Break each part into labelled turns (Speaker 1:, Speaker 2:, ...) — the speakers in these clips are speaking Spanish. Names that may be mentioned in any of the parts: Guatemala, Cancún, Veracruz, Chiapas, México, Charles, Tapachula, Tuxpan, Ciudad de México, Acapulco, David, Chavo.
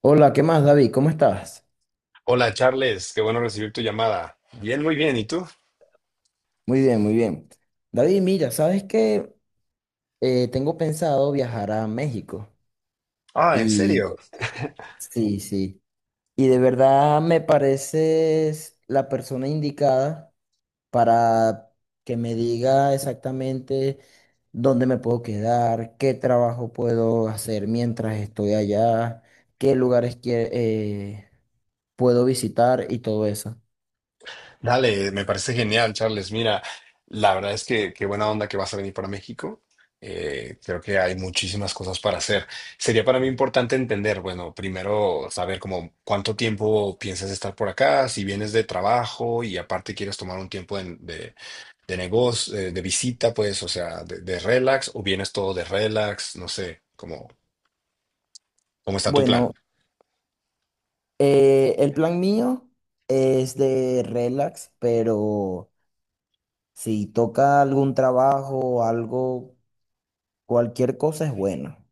Speaker 1: Hola, ¿qué más, David? ¿Cómo estás?
Speaker 2: Hola Charles, qué bueno recibir tu llamada. Bien, muy bien. ¿Y tú?
Speaker 1: Muy bien, muy bien. David, mira, ¿sabes qué? Tengo pensado viajar a México
Speaker 2: Ah, ¿en
Speaker 1: y
Speaker 2: serio?
Speaker 1: sí, sí. Y de verdad me pareces la persona indicada para que me diga exactamente dónde me puedo quedar, qué trabajo puedo hacer mientras estoy allá, qué lugares que, puedo visitar y todo eso.
Speaker 2: Dale, me parece genial, Charles. Mira, la verdad es que qué buena onda que vas a venir para México. Creo que hay muchísimas cosas para hacer. Sería para mí importante entender, bueno, primero saber como cuánto tiempo piensas estar por acá, si vienes de trabajo y aparte quieres tomar un tiempo de negocio, de visita, pues, o sea, de relax, o vienes todo de relax, no sé, cómo está tu
Speaker 1: Bueno,
Speaker 2: plan.
Speaker 1: El plan mío es de relax, pero si toca algún trabajo, algo, cualquier cosa es bueno.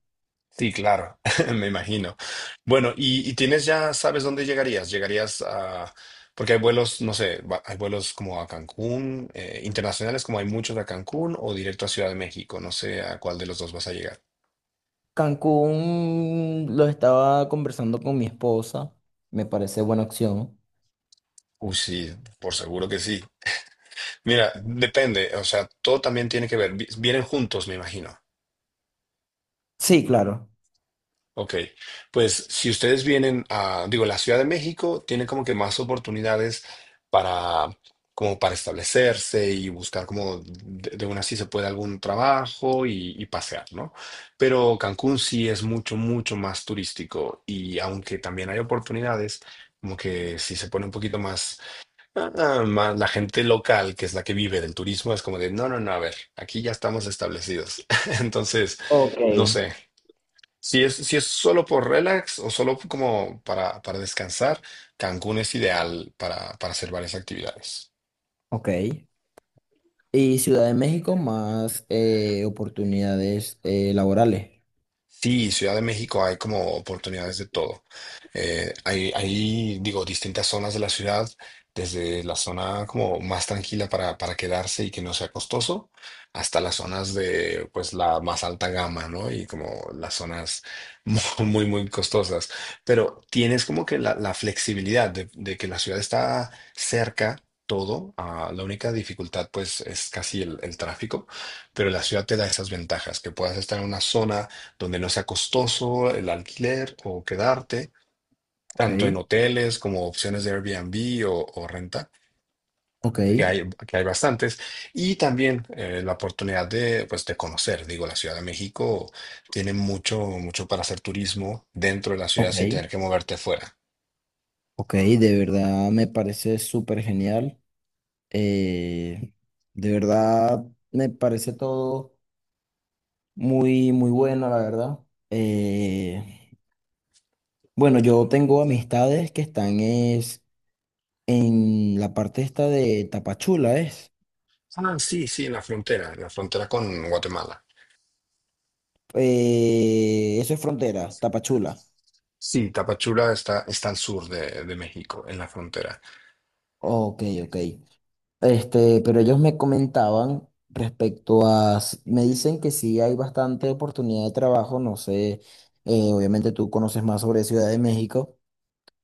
Speaker 2: Sí, claro, me imagino. Bueno, y tienes ya, ¿sabes dónde llegarías? Llegarías a, porque hay vuelos, no sé, hay vuelos como a Cancún, internacionales, como hay muchos a Cancún o directo a Ciudad de México, no sé a cuál de los dos vas a llegar.
Speaker 1: Cancún lo estaba conversando con mi esposa, me parece buena opción.
Speaker 2: Uy, sí, por seguro que sí. Mira, depende, o sea, todo también tiene que ver, vienen juntos, me imagino.
Speaker 1: Sí, claro.
Speaker 2: Ok, pues si ustedes vienen a, digo, la Ciudad de México tiene como que más oportunidades para, como para establecerse y buscar como de una sí se puede algún trabajo y pasear, ¿no? Pero Cancún sí es mucho, mucho más turístico y aunque también hay oportunidades, como que si se pone un poquito más, ah, más la gente local, que es la que vive del turismo, es como de, no, no, no, a ver, aquí ya estamos establecidos. Entonces,
Speaker 1: Ok.
Speaker 2: no sé. Si es solo por relax o solo como para descansar, Cancún es ideal para hacer varias actividades.
Speaker 1: Ok. Y Ciudad de México más oportunidades laborales.
Speaker 2: Sí, Ciudad de México hay como oportunidades de todo. Hay, digo, distintas zonas de la ciudad, desde la zona como más tranquila para quedarse y que no sea costoso, hasta las zonas de, pues, la más alta gama, ¿no? Y como las zonas mu- muy, muy costosas. Pero tienes como que la flexibilidad de que la ciudad está cerca. Todo, ah, la única dificultad pues es casi el tráfico, pero la ciudad te da esas ventajas, que puedas estar en una zona donde no sea costoso el alquiler o quedarte,
Speaker 1: Ok.
Speaker 2: tanto en hoteles como opciones de Airbnb o renta,
Speaker 1: Ok.
Speaker 2: que hay bastantes, y también la oportunidad de, pues, de conocer, digo, la Ciudad de México tiene mucho, mucho para hacer turismo dentro de la ciudad
Speaker 1: Ok.
Speaker 2: sin tener que moverte fuera.
Speaker 1: Ok. De verdad me parece súper genial. Eh, de verdad, me parece todo muy, muy bueno, la verdad. Eh, bueno, yo tengo amistades que están es, en la parte esta de Tapachula, ¿es?
Speaker 2: Ah, sí, sí, en la frontera con Guatemala.
Speaker 1: Eso es frontera, Tapachula.
Speaker 2: Sí, Tapachula está, está al sur de México, en la frontera.
Speaker 1: Ok, ok. Este, pero ellos me comentaban respecto a, me dicen que sí hay bastante oportunidad de trabajo, no sé, obviamente tú conoces más sobre Ciudad de México,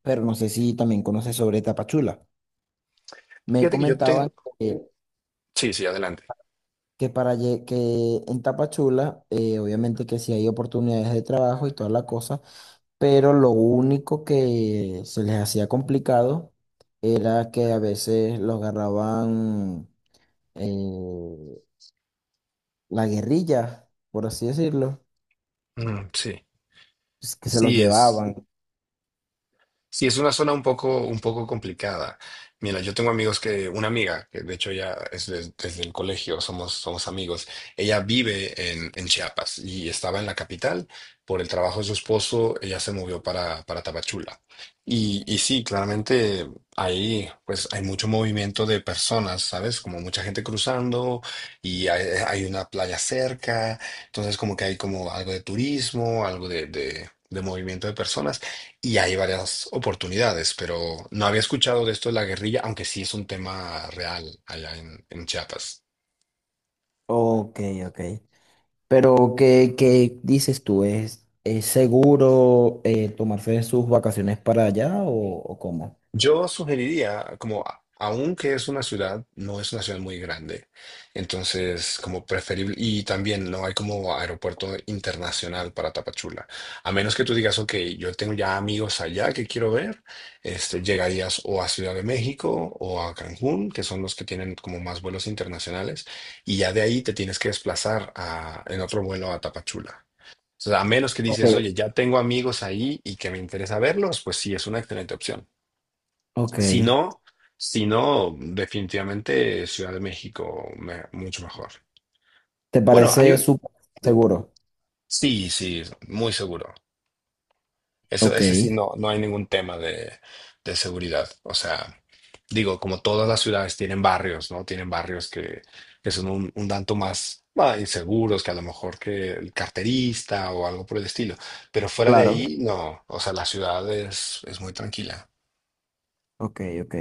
Speaker 1: pero no sé si también conoces sobre Tapachula. Me
Speaker 2: Fíjate que yo
Speaker 1: comentaban
Speaker 2: tengo...
Speaker 1: que,
Speaker 2: Sí, sí, adelante.
Speaker 1: que para que en Tapachula, obviamente que sí hay oportunidades de trabajo y toda la cosa, pero lo único que se les hacía complicado era que a veces los agarraban eh, la guerrilla, por así decirlo,
Speaker 2: Mm, sí,
Speaker 1: es que se los
Speaker 2: sí, es...
Speaker 1: llevaban.
Speaker 2: Sí, es una zona un poco complicada. Mira, yo tengo amigos que, una amiga, que de hecho ya es desde el colegio, somos, somos amigos, ella vive en Chiapas y estaba en la capital. Por el trabajo de su esposo, ella se movió para Tapachula. Y sí, claramente ahí pues hay mucho movimiento de personas, ¿sabes? Como mucha gente cruzando y hay una playa cerca, entonces como que hay como algo de turismo, algo de, de movimiento de personas y hay varias oportunidades, pero no había escuchado de esto de la guerrilla, aunque sí es un tema real allá en Chiapas.
Speaker 1: Ok, ok. Pero, ¿qué, qué dices tú? Es seguro tomarse sus vacaciones para allá o cómo?
Speaker 2: Yo sugeriría, como aunque es una ciudad, no es una ciudad muy grande, entonces como preferible, y también no hay como aeropuerto internacional para Tapachula, a menos que tú digas, ok, yo tengo ya amigos allá que quiero ver, este, llegarías o a Ciudad de México o a Cancún, que son los que tienen como más vuelos internacionales, y ya de ahí te tienes que desplazar en otro vuelo a Tapachula. O sea, a menos que
Speaker 1: Ok,
Speaker 2: dices, oye, ya tengo amigos ahí y que me interesa verlos, pues sí, es una excelente opción.
Speaker 1: ok.
Speaker 2: Si no, si no, definitivamente Ciudad de México, mucho mejor.
Speaker 1: ¿Te
Speaker 2: Bueno, hay
Speaker 1: parece
Speaker 2: un-
Speaker 1: súper seguro?
Speaker 2: Sí, sí, muy seguro. Eso,
Speaker 1: Ok,
Speaker 2: ese sí, no, no hay ningún tema de seguridad. O sea, digo, como todas las ciudades tienen barrios, ¿no? Tienen barrios que son un tanto más bah, inseguros que a lo mejor que el carterista o algo por el estilo. Pero fuera de
Speaker 1: claro. Ok.
Speaker 2: ahí, no. O sea, la ciudad es muy tranquila.
Speaker 1: Ok, ok.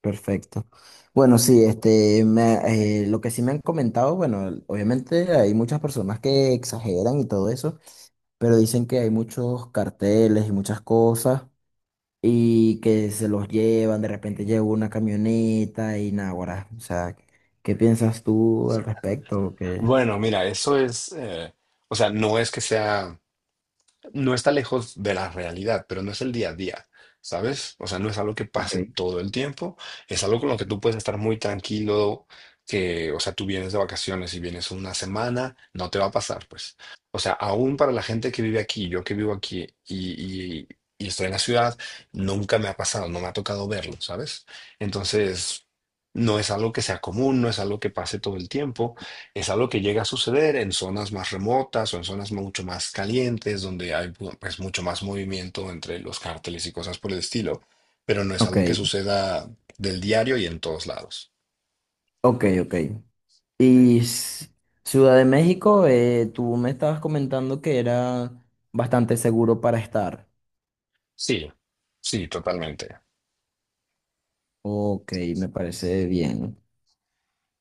Speaker 1: Perfecto. Bueno, sí, este, lo que sí me han comentado, bueno, obviamente hay muchas personas que exageran y todo eso, pero dicen que hay muchos carteles y muchas cosas y que se los llevan, de repente llega una camioneta y nada, guará. O sea, ¿qué piensas tú al respecto? ¿Qué?
Speaker 2: Bueno, mira, eso es, o sea, no es que sea no está lejos de la realidad, pero no es el día a día, ¿sabes? O sea, no es algo que
Speaker 1: Ok.
Speaker 2: pase todo el tiempo, es algo con lo que tú puedes estar muy tranquilo, que, o sea, tú vienes de vacaciones y vienes una semana, no te va a pasar, pues. O sea, aún para la gente que vive aquí, yo que vivo aquí y estoy en la ciudad, nunca me ha pasado, no me ha tocado verlo, ¿sabes? Entonces, no es algo que sea común, no es algo que pase todo el tiempo. Es algo que llega a suceder en zonas más remotas o en zonas mucho más calientes, donde hay pues mucho más movimiento entre los cárteles y cosas por el estilo, pero no es
Speaker 1: Ok,
Speaker 2: algo que suceda del diario y en todos lados.
Speaker 1: ok, ok. Y Ciudad de México, tú me estabas comentando que era bastante seguro para estar.
Speaker 2: Sí, sí, totalmente.
Speaker 1: Ok, me parece bien.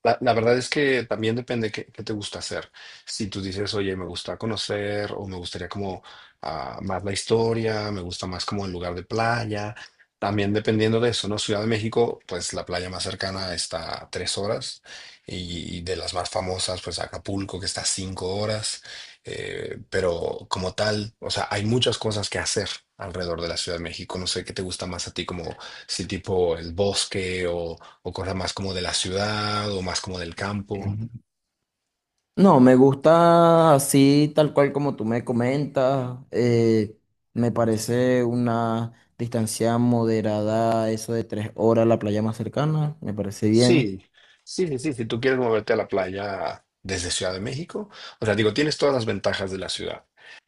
Speaker 2: La verdad es que también depende qué te gusta hacer. Si tú dices, oye, me gusta conocer o me gustaría como ah, más la historia, me gusta más como el lugar de playa, también dependiendo de eso, ¿no? Ciudad de México, pues la playa más cercana está a 3 horas y de las más famosas, pues Acapulco, que está a 5 horas. Pero como tal, o sea, hay muchas cosas que hacer alrededor de la Ciudad de México. No sé qué te gusta más a ti, como si tipo el bosque o cosas más como de la ciudad o más como del campo.
Speaker 1: Em, No, me gusta así, tal cual como tú me comentas. Me parece una distancia moderada, eso de 3 horas a la playa más cercana. Me parece bien.
Speaker 2: Sí, sí, sí, sí. Si tú quieres moverte a la playa desde Ciudad de México, o sea, digo, tienes todas las ventajas de la ciudad,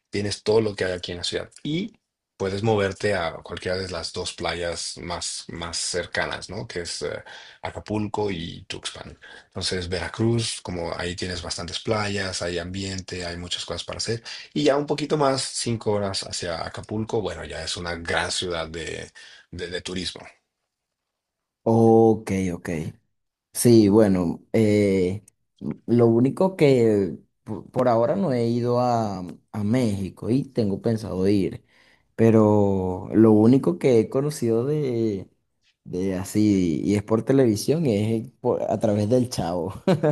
Speaker 2: tienes todo lo que hay aquí en la ciudad y puedes moverte a cualquiera de las dos playas más, más cercanas, ¿no? Que es Acapulco y Tuxpan. Entonces, Veracruz, como ahí tienes bastantes playas, hay ambiente, hay muchas cosas para hacer. Y ya un poquito más, 5 horas hacia Acapulco, bueno, ya es una gran ciudad de, de turismo.
Speaker 1: Ok, ok. Sí, bueno, lo único que por ahora no he ido a México y tengo pensado ir, pero lo único que he conocido de así, y es por televisión, es a través del Chavo.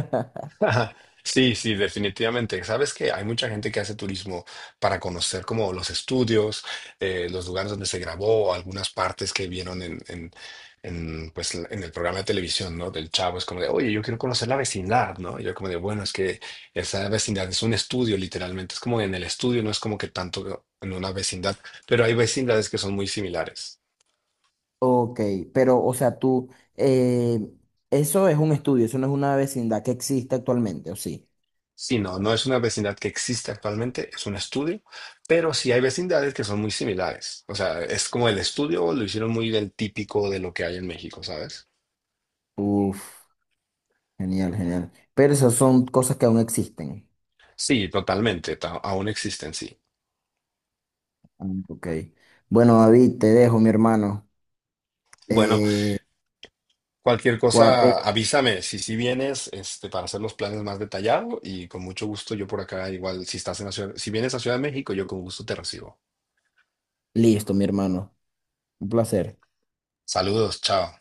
Speaker 2: Ajá. Sí, sí, definitivamente. Sabes que hay mucha gente que hace turismo para conocer como los estudios, los lugares donde se grabó, algunas partes que vieron en, pues, en el programa de televisión, ¿no? Del Chavo. Es como de, oye, yo quiero conocer la vecindad, ¿no? Y yo como de, bueno, es que esa vecindad es un estudio, literalmente. Es como en el estudio, no es como que tanto en una vecindad, pero hay vecindades que son muy similares.
Speaker 1: Ok, pero o sea, tú, eh, eso es un estudio, eso no es una vecindad que existe actualmente, ¿o sí?
Speaker 2: Sí, no, no es una vecindad que existe actualmente, es un estudio, pero sí hay vecindades que son muy similares. O sea, es como el estudio lo hicieron muy del típico de lo que hay en México, ¿sabes?
Speaker 1: Uf, genial, genial. Pero esas son cosas que aún existen.
Speaker 2: Sí, totalmente, aún existen, sí.
Speaker 1: Ah, ok. Bueno, David, te dejo, mi hermano.
Speaker 2: Bueno,
Speaker 1: Eh,
Speaker 2: cualquier
Speaker 1: guape,
Speaker 2: cosa, avísame si si vienes este, para hacer los planes más detallados y con mucho gusto yo por acá, igual si estás en la ciudad, si vienes a Ciudad de México, yo con gusto te recibo.
Speaker 1: listo, mi hermano. Un placer.
Speaker 2: Saludos, chao.